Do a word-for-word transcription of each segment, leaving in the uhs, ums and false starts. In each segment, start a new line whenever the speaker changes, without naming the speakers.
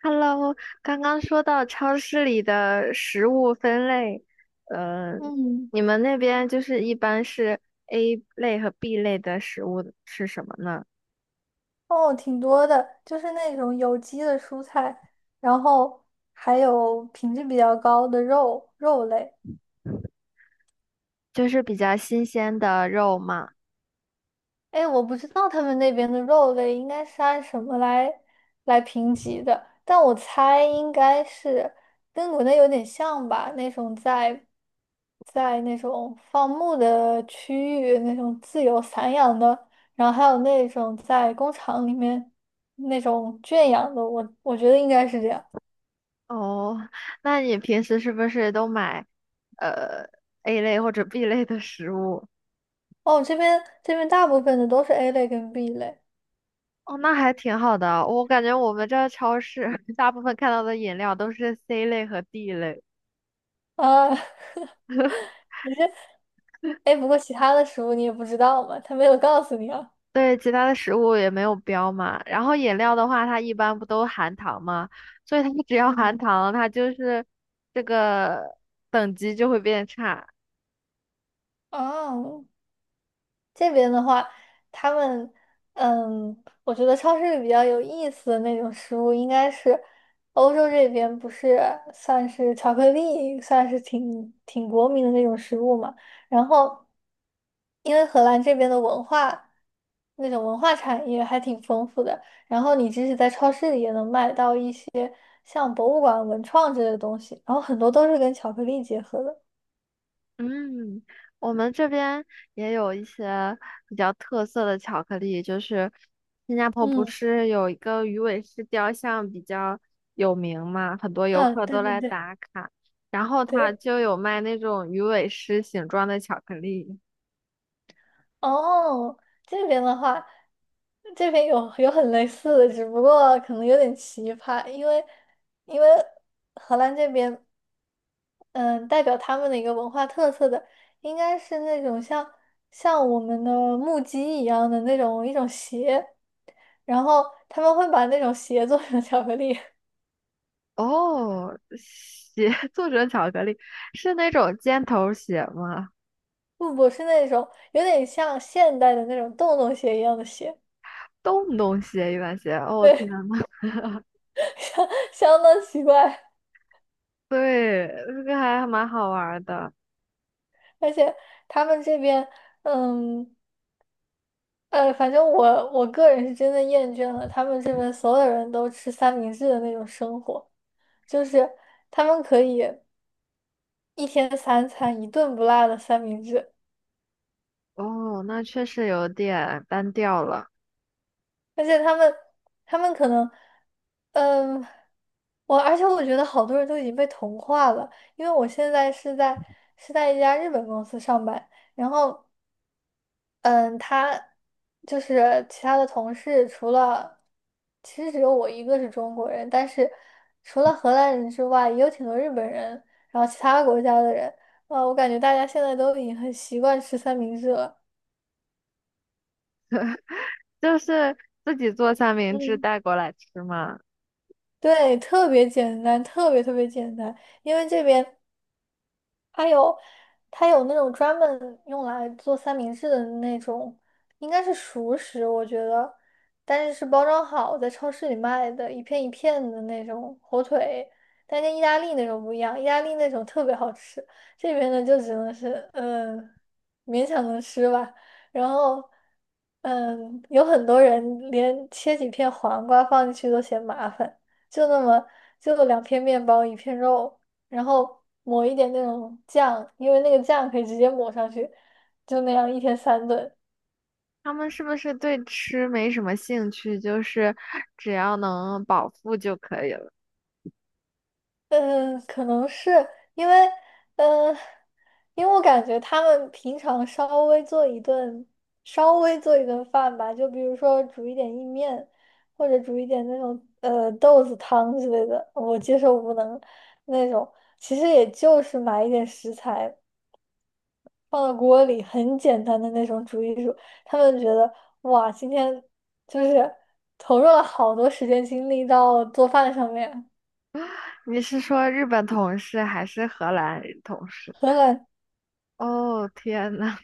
Hello，刚刚说到超市里的食物分类，呃，
嗯，
你们那边就是一般是 A 类和 B 类的食物是什么呢？
哦，挺多的，就是那种有机的蔬菜，然后还有品质比较高的肉肉类。
就是比较新鲜的肉嘛。
哎，我不知道他们那边的肉类应该是按什么来来评级的，但我猜应该是跟国内有点像吧，那种在在那种放牧的区域，那种自由散养的，然后还有那种在工厂里面那种圈养的，我我觉得应该是这样。
哦，那你平时是不是都买呃 A 类或者 B 类的食物？
哦，这边这边大部分的都是 A 类跟 B 类
哦，那还挺好的啊。我感觉我们这超市 大部分看到的饮料都是 C 类和 D 类。
啊，你是哎，不过其他的食物你也不知道嘛，他没有告诉你啊。
对，其他的食物也没有标嘛。然后饮料的话，它一般不都含糖嘛，所以它 只要含
嗯，
糖，它就是这个等级就会变差。
哦，这边的话，他们，嗯，我觉得超市里比较有意思的那种食物，应该是欧洲这边不是算是巧克力，算是挺挺国民的那种食物嘛。然后，因为荷兰这边的文化，那种文化产业还挺丰富的，然后你即使在超市里也能买到一些像博物馆、文创之类的东西，然后很多都是跟巧克力结合的。
嗯，我们这边也有一些比较特色的巧克力，就是新加坡不
嗯，
是有一个鱼尾狮雕像比较有名嘛，很多游
啊，
客
对
都
对
来
对
打卡，然后它
对。
就有卖那种鱼尾狮形状的巧克力。
哦，这边的话，这边有有很类似的，只不过可能有点奇葩，因为因为荷兰这边，嗯，代表他们的一个文化特色的，应该是那种像像我们的木屐一样的那种一种鞋，然后他们会把那种鞋做成巧克力，
哦，鞋 作者巧克力是那种尖头鞋吗？
不不是那种有点像现代的那种洞洞鞋一样的鞋，
洞洞鞋、一般鞋。哦，天
对，
呐，
相相当奇怪，
对，这个还蛮好玩儿的。
而且他们这边。嗯，呃，反正我我个人是真的厌倦了他们这边所有人都吃三明治的那种生活，就是他们可以一天三餐一顿不落的三明治，
哦，那确实有点单调了。
而且他们他们可能，嗯，我而且我觉得好多人都已经被同化了，因为我现在是在是在一家日本公司上班，然后。嗯，他就是其他的同事，除了其实只有我一个是中国人，但是除了荷兰人之外，也有挺多日本人，然后其他国家的人。啊，我感觉大家现在都已经很习惯吃三明治了。
就是自己做三明治
嗯，
带过来吃嘛。
对，特别简单，特别特别简单，因为这边。它有它有那种专门用来做三明治的那种，应该是熟食，我觉得，但是是包装好，在超市里卖的，一片一片的那种火腿，但跟意大利那种不一样，意大利那种特别好吃，这边的就只能是嗯勉强能吃吧，然后。嗯，有很多人连切几片黄瓜放进去都嫌麻烦，就那么就两片面包一片肉，然后抹一点那种酱，因为那个酱可以直接抹上去，就那样一天三顿。
他们是不是对吃没什么兴趣？就是只要能饱腹就可以了。
嗯，可能是因为，嗯，因为我感觉他们平常稍微做一顿，稍微做一顿饭吧，就比如说煮一点意面，或者煮一点那种呃豆子汤之类的，我接受无能那种，其实也就是买一点食材。放到锅里，很简单的那种煮一煮，他们觉得哇，今天就是投入了好多时间精力到做饭上面，
你是说日本同事还是荷兰同事？
很懒，
哦，天呐，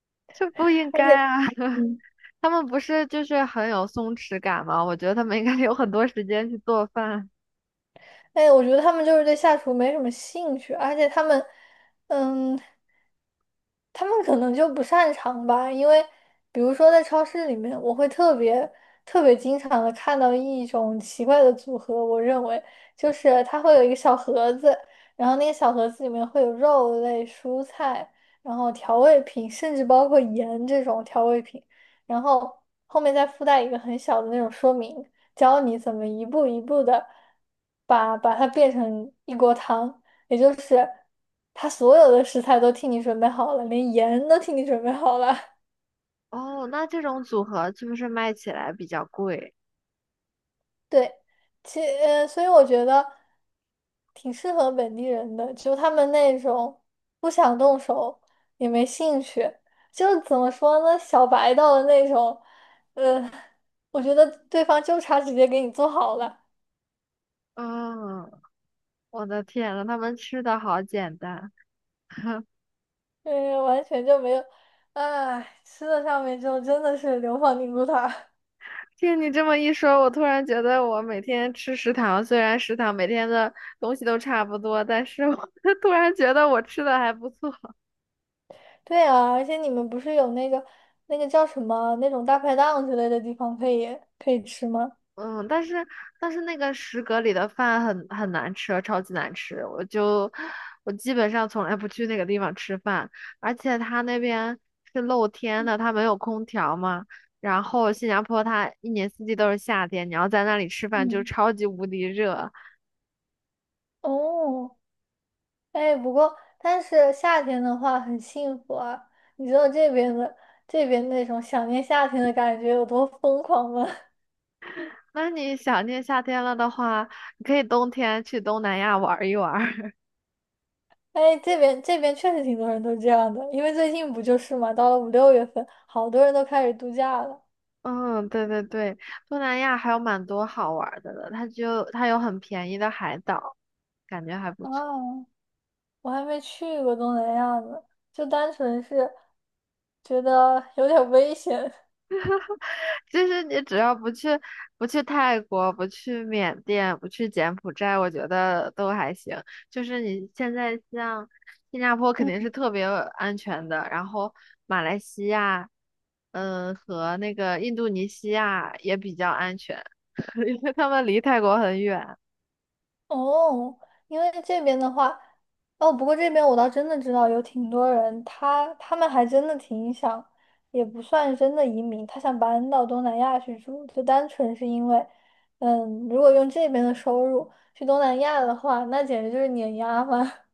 这不应该
而且
啊！
嗯，
他们不是就是很有松弛感吗？我觉得他们应该 有很多时间去做饭。
哎，我觉得他们就是对下厨没什么兴趣，而且他们嗯他们可能就不擅长吧，因为比如说在超市里面，我会特别特别经常的看到一种奇怪的组合，我认为就是它会有一个小盒子，然后那个小盒子里面会有肉类、蔬菜，然后调味品，甚至包括盐这种调味品，然后后面再附带一个很小的那种说明，教你怎么一步一步的把把它变成一锅汤。也就是他所有的食材都替你准备好了，连盐都替你准备好了。
哦，那这种组合是不是卖起来比较贵？
对，其呃，所以我觉得挺适合本地人的，就他们那种不想动手也没兴趣，就是怎么说呢，小白到的那种，我觉得对方就差直接给你做好了，
嗯，我的天呐，他们吃的好简单。
嗯，完全就没有，哎，吃的上面就真的是流放宁古塔。
听你这么一说，我突然觉得我每天吃食堂，虽然食堂每天的东西都差不多，但是我 突然觉得我吃的还不错。
对啊，而且你们不是有那个那个叫什么那种大排档之类的地方可以可以吃吗？
嗯，但是但是那个食阁里的饭很很难吃，超级难吃。我就我基本上从来不去那个地方吃饭，而且它那边是露天的，它没有空调嘛。然后新加坡它一年四季都是夏天，你要在那里吃饭就
嗯，
超级无敌热。
哦，哎，不过但是夏天的话很幸福啊！你知道这边的这边那种想念夏天的感觉有多疯狂吗？
那你想念夏天了的话，你可以冬天去东南亚玩一玩儿。
哎，这边这边确实挺多人都这样的，因为最近不就是嘛，到了五六月份，好多人都开始度假了
嗯，对对对，东南亚还有蛮多好玩儿的了，它就它有很便宜的海岛，感觉还不错。
啊！我还没去过东南亚呢，就单纯是觉得有点危险。
就是你只要不去不去泰国，不去缅甸，不去柬埔寨，我觉得都还行。就是你现在像新加坡肯 定
嗯。
是特别安全的，然后马来西亚，嗯，和那个印度尼西亚也比较安全，因为他们离泰国很远。
哦，因为这边的话，哦，不过这边我倒真的知道有挺多人，他他们还真的挺想，也不算真的移民，他想搬到东南亚去住，就单纯是因为，嗯，如果用这边的收入去东南亚的话，那简直就是碾压嘛。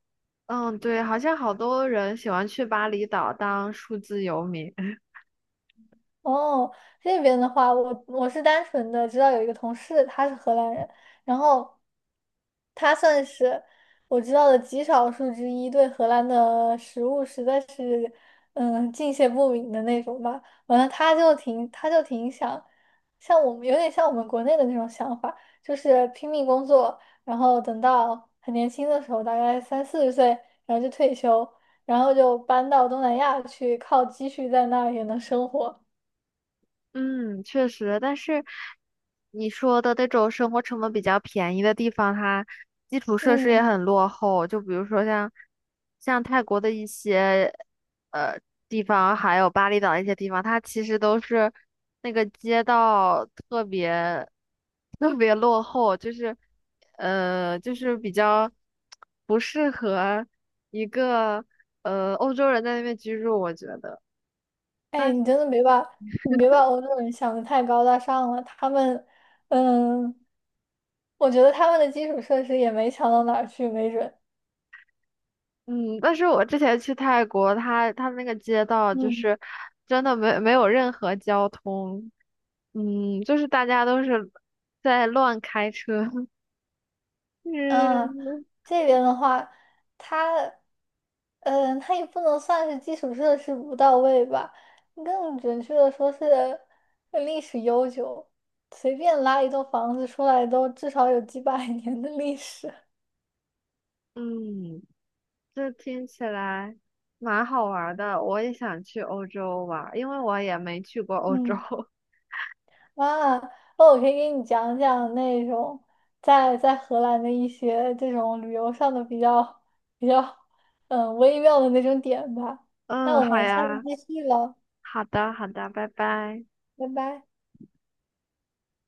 嗯，对，好像好多人喜欢去巴厘岛当数字游民。
哦，这边的话，我我是单纯的知道有一个同事，他是荷兰人，然后他算是我知道的极少数之一，对荷兰的食物实在是嗯敬谢不敏的那种吧。完了，他就挺他就挺想像我们有点像我们国内的那种想法，就是拼命工作，然后等到很年轻的时候，大概三四十岁，然后就退休，然后就搬到东南亚去，靠积蓄在那儿也能生活。
嗯，确实，但是你说的那种生活成本比较便宜的地方，它基础设施也
嗯，
很落后。就比如说像像泰国的一些呃地方，还有巴厘岛一些地方，它其实都是那个街道特别特别落后，就是呃就是比较不适合一个呃欧洲人在那边居住，我觉得。
哎，你真的别把你别把欧洲人想的太高大上了，他们，嗯，我觉得他们的基础设施也没强到哪儿去，没准。
嗯，但是我之前去泰国，它它那个街道就
嗯
是真的没没有任何交通，嗯，就是大家都是在乱开车，
嗯，
嗯
这边的话，它，嗯、它也不能算是基础设施不到位吧，更准确的说是呃历史悠久，随便拉一栋房子出来都至少有几百 年的历史。
嗯，这听起来蛮好玩儿的，我也想去欧洲玩儿因为我也没去过欧洲。
嗯。啊，那我可以给你讲讲那种在在荷兰的一些这种旅游上的比较比较嗯微妙的那种点吧。那
嗯，
我
好
们下次
呀，
继续了，
好的好的，拜拜。
拜拜。